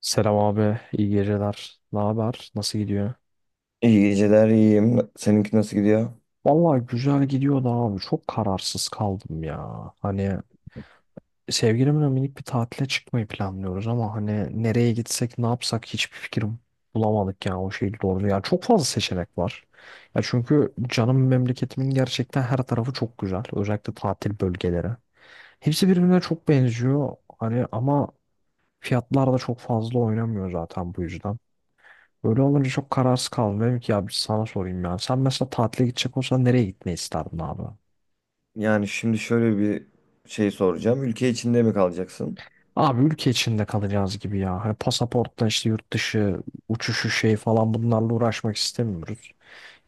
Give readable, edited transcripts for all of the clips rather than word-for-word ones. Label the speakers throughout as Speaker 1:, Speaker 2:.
Speaker 1: Selam abi, iyi geceler. Ne haber? Nasıl gidiyor?
Speaker 2: İyi geceler, iyiyim. Seninki nasıl gidiyor?
Speaker 1: Vallahi güzel gidiyor da abi. Çok kararsız kaldım ya. Hani sevgilimle minik bir tatile çıkmayı planlıyoruz ama hani nereye gitsek, ne yapsak hiçbir fikrim bulamadık ya o şey doğru. Ya çok fazla seçenek var. Ya çünkü canım memleketimin gerçekten her tarafı çok güzel. Özellikle tatil bölgeleri. Hepsi birbirine çok benziyor. Hani ama fiyatlar da çok fazla oynamıyor zaten bu yüzden. Böyle olunca çok kararsız kaldım. Dedim ki ya bir sana sorayım ya. Sen mesela tatile gidecek olsan nereye gitmeyi isterdin abi?
Speaker 2: Yani şimdi şöyle bir şey soracağım. Ülke içinde mi kalacaksın?
Speaker 1: Abi ülke içinde kalacağız gibi ya. Hani pasaportla işte yurt dışı uçuşu şey falan bunlarla uğraşmak istemiyoruz.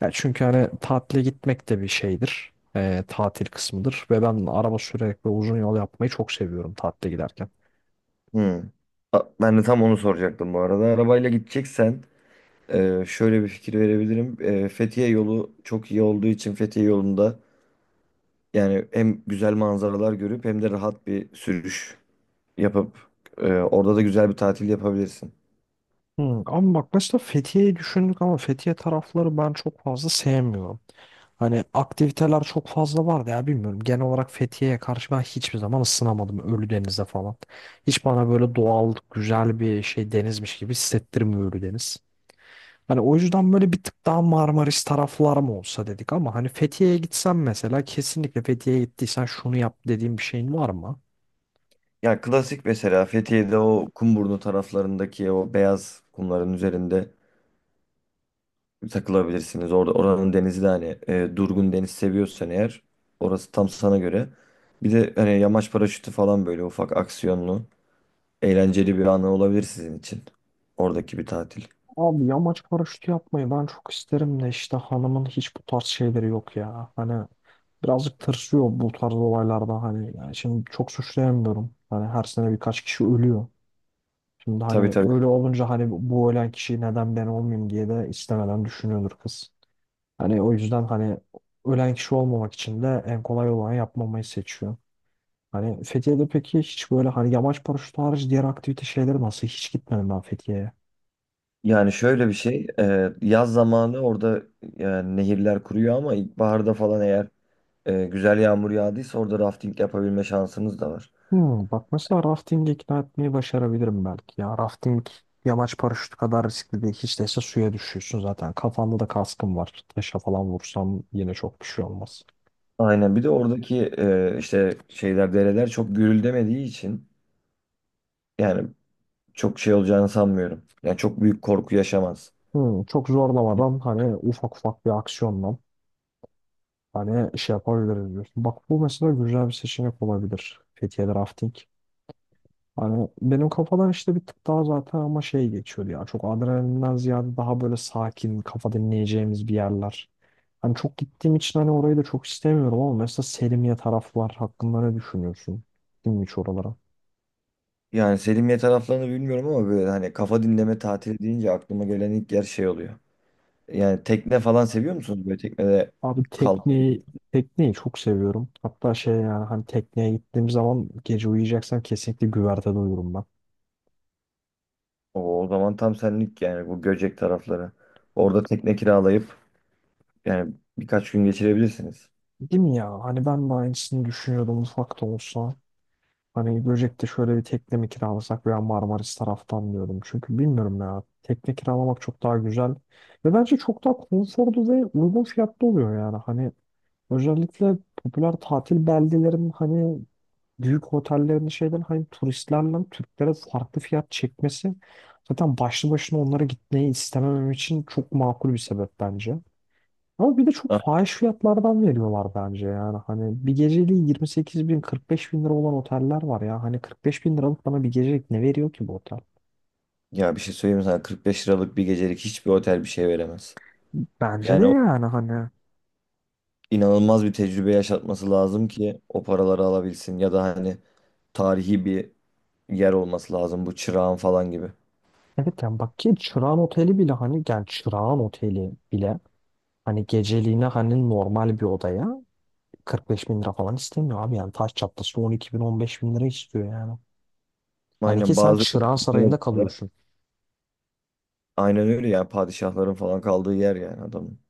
Speaker 1: Ya çünkü hani tatile gitmek de bir şeydir. Tatil kısmıdır. Ve ben araba sürerek ve uzun yol yapmayı çok seviyorum tatile giderken.
Speaker 2: Hmm. Ben de tam onu soracaktım bu arada. Arabayla gideceksen şöyle bir fikir verebilirim. Fethiye yolu çok iyi olduğu için Fethiye yolunda yani hem güzel manzaralar görüp hem de rahat bir sürüş yapıp orada da güzel bir tatil yapabilirsin.
Speaker 1: Ama bak mesela Fethiye'yi düşündük ama Fethiye tarafları ben çok fazla sevmiyorum. Hani aktiviteler çok fazla vardı ya bilmiyorum. Genel olarak Fethiye'ye karşı ben hiçbir zaman ısınamadım Ölüdeniz'de falan. Hiç bana böyle doğal güzel bir şey denizmiş gibi hissettirmiyor Ölüdeniz. Hani o yüzden böyle bir tık daha Marmaris taraflar mı olsa dedik ama hani Fethiye'ye gitsen mesela kesinlikle Fethiye'ye gittiysen şunu yap dediğim bir şeyin var mı?
Speaker 2: Ya klasik mesela Fethiye'de o Kumburnu taraflarındaki o beyaz kumların üzerinde takılabilirsiniz. Orada oranın denizi de hani durgun deniz seviyorsan eğer orası tam sana göre. Bir de hani yamaç paraşütü falan böyle ufak aksiyonlu, eğlenceli bir anı olabilir sizin için. Oradaki bir tatil.
Speaker 1: Abi yamaç paraşütü yapmayı ben çok isterim de işte hanımın hiç bu tarz şeyleri yok ya. Hani birazcık tırsıyor bu tarz olaylarda hani yani şimdi çok suçlayamıyorum. Hani her sene birkaç kişi ölüyor. Şimdi hani
Speaker 2: Tabii, tabii.
Speaker 1: öyle olunca hani bu ölen kişi neden ben olmayayım diye de istemeden düşünüyordur kız. Hani o yüzden hani ölen kişi olmamak için de en kolay olanı yapmamayı seçiyor. Hani Fethiye'de peki hiç böyle hani yamaç paraşütü hariç diğer aktivite şeyleri nasıl? Hiç gitmedim ben Fethiye'ye.
Speaker 2: Yani şöyle bir şey, yaz zamanı orada yani nehirler kuruyor ama ilkbaharda falan eğer güzel yağmur yağdıysa orada rafting yapabilme şansınız da var.
Speaker 1: Bak mesela rafting'i ikna etmeyi başarabilirim belki ya. Rafting yamaç paraşütü kadar riskli değil. Hiç değilse suya düşüyorsun zaten. Kafanda da kaskın var. Taşa falan vursam yine çok bir şey olmaz.
Speaker 2: Aynen. Bir de oradaki işte şeyler dereler çok gürüldemediği için yani çok şey olacağını sanmıyorum. Yani çok büyük korku yaşamaz.
Speaker 1: Çok zorlamadan hani ufak ufak bir aksiyonla hani şey yapabiliriz diyorsun. Bak bu mesela güzel bir seçenek olabilir. Fethiye'de rafting. Hani benim kafadan işte bir tık daha zaten ama şey geçiyordu ya. Çok adrenalinden ziyade daha böyle sakin, kafa dinleyeceğimiz bir yerler. Hani çok gittiğim için hani orayı da çok istemiyorum ama mesela Selimiye taraflar hakkında ne düşünüyorsun? Gittin mi hiç oralara?
Speaker 2: Yani Selimiye taraflarını bilmiyorum ama böyle hani kafa dinleme tatili deyince aklıma gelen ilk yer şey oluyor. Yani tekne falan seviyor musunuz? Böyle teknede
Speaker 1: Abi
Speaker 2: kalmayı.
Speaker 1: tekneyi çok seviyorum. Hatta şey yani hani tekneye gittiğim zaman gece uyuyacaksam kesinlikle güvertede uyurum ben.
Speaker 2: O zaman tam senlik yani bu Göcek tarafları. Orada tekne kiralayıp yani birkaç gün geçirebilirsiniz.
Speaker 1: Değil mi ya? Hani ben de aynısını düşünüyordum ufak da olsa. Hani Göcek'te şöyle bir tekne mi kiralasak veya Marmaris taraftan diyordum. Çünkü bilmiyorum ya. Tekne kiralamak çok daha güzel. Ve bence çok daha konforlu ve uygun fiyatlı oluyor yani. Hani özellikle popüler tatil beldelerin hani büyük otellerin şeyden hani turistlerle Türklere farklı fiyat çekmesi zaten başlı başına onlara gitmeyi istememem için çok makul bir sebep bence. Ama bir de çok
Speaker 2: Ah,
Speaker 1: fahiş fiyatlardan veriyorlar bence yani. Hani bir geceliği 28 bin 45 bin lira olan oteller var ya. Hani 45 bin liralık bana bir gecelik ne veriyor ki bu otel?
Speaker 2: ya bir şey söyleyeyim mi sana? 45 liralık bir gecelik hiçbir otel bir şey veremez.
Speaker 1: Bence de
Speaker 2: Yani o
Speaker 1: yani hani.
Speaker 2: inanılmaz bir tecrübe yaşatması lazım ki o paraları alabilsin ya da hani tarihi bir yer olması lazım, bu çırağın falan gibi.
Speaker 1: Evet yani bak ki Çırağan Oteli bile hani yani Çırağan Oteli bile hani geceliğine hani normal bir odaya 45 bin lira falan istemiyor abi yani taş çatlası 12 bin 15 bin lira istiyor yani. Hani ki
Speaker 2: Aynen
Speaker 1: sen
Speaker 2: bazı
Speaker 1: Çırağan
Speaker 2: ülkelerde-
Speaker 1: Sarayı'nda kalıyorsun.
Speaker 2: aynen öyle yani, padişahların falan kaldığı yer yani adamın.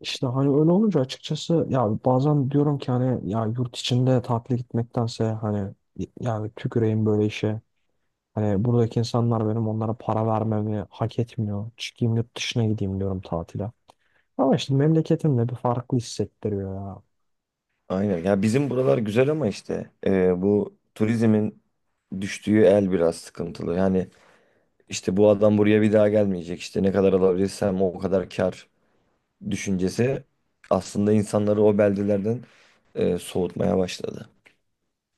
Speaker 1: İşte hani öyle olunca açıkçası ya bazen diyorum ki hani ya yurt içinde tatile gitmektense hani yani tüküreyim böyle işe. Hani buradaki insanlar benim onlara para vermemi hak etmiyor. Çıkayım yurt dışına gideyim diyorum tatile. Ama işte memleketimle bir farklı hissettiriyor ya.
Speaker 2: Aynen, ya bizim buralar güzel ama işte bu turizmin düştüğü el biraz sıkıntılı. Yani işte bu adam buraya bir daha gelmeyecek, işte ne kadar alabilirsem o kadar kar düşüncesi aslında insanları o beldelerden soğutmaya başladı.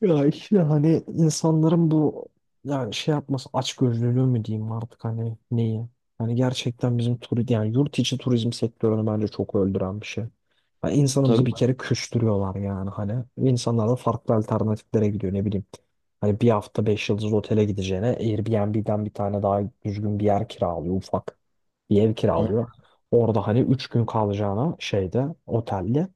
Speaker 1: Ya işte hani insanların bu yani şey yapması açgözlülüğü mü diyeyim artık hani neyi? Hani gerçekten bizim turizm yani yurt içi turizm sektörünü bence çok öldüren bir şey. Yani insanımızı
Speaker 2: Tabii.
Speaker 1: bir kere küstürüyorlar yani hani. İnsanlar da farklı alternatiflere gidiyor ne bileyim. Hani bir hafta beş yıldız otele gideceğine Airbnb'den bir tane daha düzgün bir yer kiralıyor ufak. Bir ev
Speaker 2: A-
Speaker 1: kiralıyor. Orada hani üç gün kalacağına şeyde otelde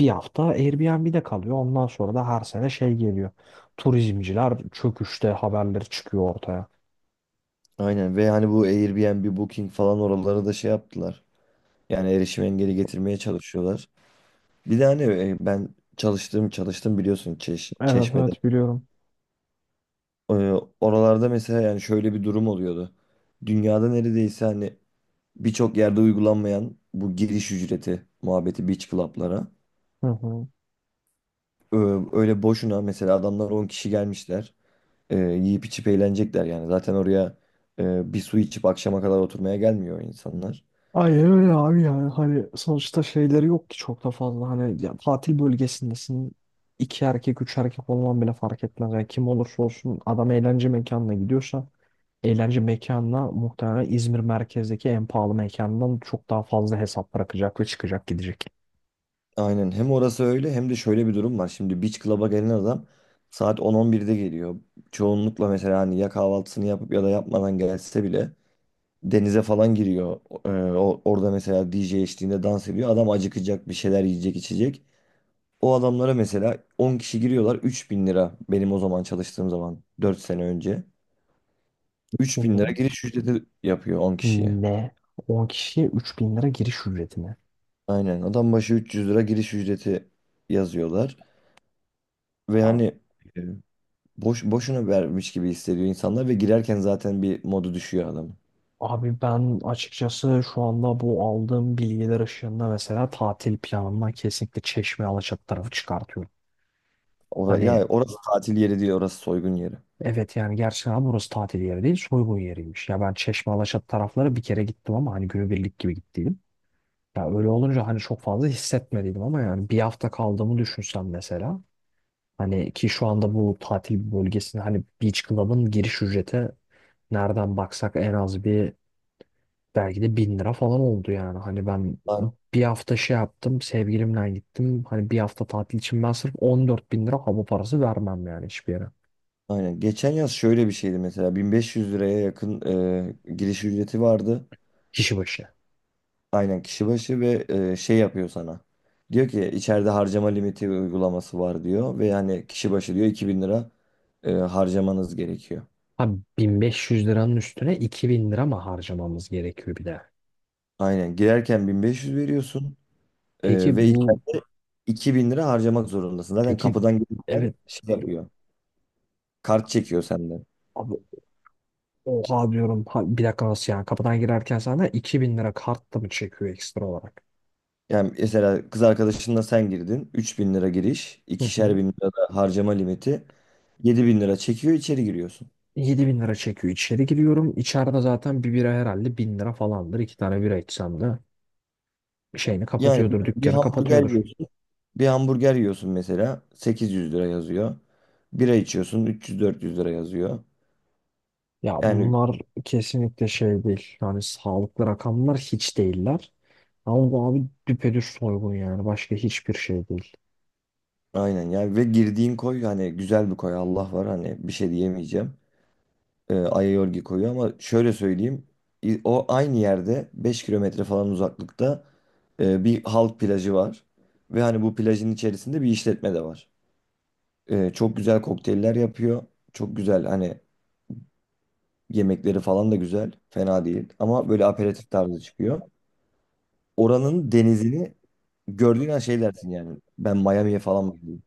Speaker 1: bir hafta Airbnb'de kalıyor. Ondan sonra da her sene şey geliyor. Turizmciler çöküşte haberleri çıkıyor ortaya.
Speaker 2: Aynen, ve hani bu Airbnb, Booking falan oraları da şey yaptılar. Yani erişim engeli getirmeye çalışıyorlar. Bir de hani ben çalıştım çalıştım biliyorsun
Speaker 1: Evet
Speaker 2: Çeşme'de.
Speaker 1: evet, biliyorum.
Speaker 2: Ee, Oralarda mesela yani şöyle bir durum oluyordu. Dünyada neredeyse hani birçok yerde uygulanmayan bu giriş ücreti muhabbeti beach club'lara.
Speaker 1: Hı hı.
Speaker 2: Ee, Öyle boşuna mesela adamlar 10 kişi gelmişler. Yiyip içip eğlenecekler yani. Zaten oraya bir su içip akşama kadar oturmaya gelmiyor insanlar.
Speaker 1: Ay öyle abi yani hani sonuçta şeyleri yok ki çok da fazla hani ya tatil bölgesindesin, iki erkek üç erkek olman bile fark etmez yani kim olursa olsun adam eğlence mekanına gidiyorsa eğlence mekanına muhtemelen İzmir merkezdeki en pahalı mekandan çok daha fazla hesap bırakacak ve çıkacak gidecek.
Speaker 2: Aynen, hem orası öyle hem de şöyle bir durum var. Şimdi Beach Club'a gelen adam saat 10-11'de geliyor. Çoğunlukla mesela hani ya kahvaltısını yapıp ya da yapmadan gelse bile denize falan giriyor. Orada mesela DJ eşliğinde dans ediyor. Adam acıkacak, bir şeyler yiyecek içecek. O adamlara mesela 10 kişi giriyorlar, 3.000 lira benim o zaman çalıştığım zaman, 4 sene önce. Üç bin lira
Speaker 1: Bunların
Speaker 2: giriş ücreti yapıyor 10 kişiye.
Speaker 1: ne? 10 kişiye 3.000 lira giriş ücretine.
Speaker 2: Aynen adam başı 300 lira giriş ücreti yazıyorlar. Ve hani boş boşuna vermiş gibi hissediyor insanlar ve girerken zaten bir modu düşüyor adamın.
Speaker 1: Abi ben açıkçası şu anda bu aldığım bilgiler ışığında mesela tatil planımdan kesinlikle Çeşme Alaçatı tarafı çıkartıyorum. Hani
Speaker 2: Ya orası tatil yeri değil, orası soygun yeri.
Speaker 1: evet yani gerçekten burası tatil yeri değil, soygun yeriymiş. Ya ben Çeşme Alaçatı tarafları bir kere gittim ama hani günübirlik gibi gittiydim. Ya öyle olunca hani çok fazla hissetmediydim ama yani bir hafta kaldığımı düşünsem mesela. Hani ki şu anda bu tatil bölgesinde hani Beach Club'ın giriş ücreti nereden baksak en az bir belki de bin lira falan oldu yani. Hani ben
Speaker 2: Aynen.
Speaker 1: bir hafta şey yaptım. Sevgilimle gittim. Hani bir hafta tatil için ben sırf 14 bin lira hava parası vermem yani hiçbir yere.
Speaker 2: Aynen. Geçen yaz şöyle bir şeydi mesela, 1500 liraya yakın giriş ücreti vardı.
Speaker 1: Kişi başı.
Speaker 2: Aynen kişi başı ve şey yapıyor sana. Diyor ki içeride harcama limiti uygulaması var diyor ve yani kişi başı diyor 2.000 lira harcamanız gerekiyor.
Speaker 1: Ha, 1500 liranın üstüne 2.000 lira mı harcamamız gerekiyor bir de?
Speaker 2: Aynen girerken 1500 veriyorsun
Speaker 1: Peki
Speaker 2: ve
Speaker 1: bu
Speaker 2: 2000 lira harcamak zorundasın. Zaten
Speaker 1: peki,
Speaker 2: kapıdan gelirken
Speaker 1: evet
Speaker 2: şey yapıyor. Kart çekiyor senden.
Speaker 1: abi, oha diyorum. Ha, bir dakika nasıl yani? Kapıdan girerken sana 2.000 lira kartla mı çekiyor ekstra olarak?
Speaker 2: Yani mesela kız arkadaşınla sen girdin. Üç bin lira giriş,
Speaker 1: Hı
Speaker 2: ikişer
Speaker 1: hı.
Speaker 2: bin lira da harcama limiti. Yedi bin lira çekiyor, içeri giriyorsun.
Speaker 1: 7.000 lira çekiyor. İçeri giriyorum. İçeride zaten bir bira herhalde 1000 lira falandır. İki tane bira içsem de şeyini
Speaker 2: Yani
Speaker 1: kapatıyordur,
Speaker 2: bir
Speaker 1: dükkanı
Speaker 2: hamburger
Speaker 1: kapatıyordur.
Speaker 2: yiyorsun. Bir hamburger yiyorsun mesela, 800 lira yazıyor. Bira içiyorsun, 300 400 lira yazıyor.
Speaker 1: Ya
Speaker 2: Yani
Speaker 1: bunlar kesinlikle şey değil. Yani sağlıklı rakamlar hiç değiller. Ama bu abi düpedüz soygun yani. Başka hiçbir şey değil.
Speaker 2: aynen yani, ve girdiğin koy hani güzel bir koy, Allah var hani, bir şey diyemeyeceğim. Aerogel koyuyor ama şöyle söyleyeyim, o aynı yerde 5 km falan uzaklıkta bir halk plajı var ve hani bu plajın içerisinde bir işletme de var. Çok güzel kokteyller yapıyor. Çok güzel hani, yemekleri falan da güzel. Fena değil ama böyle aperatif tarzı çıkıyor. Oranın denizini gördüğün an şey dersin yani, ben Miami'ye falan mı gidiyorum?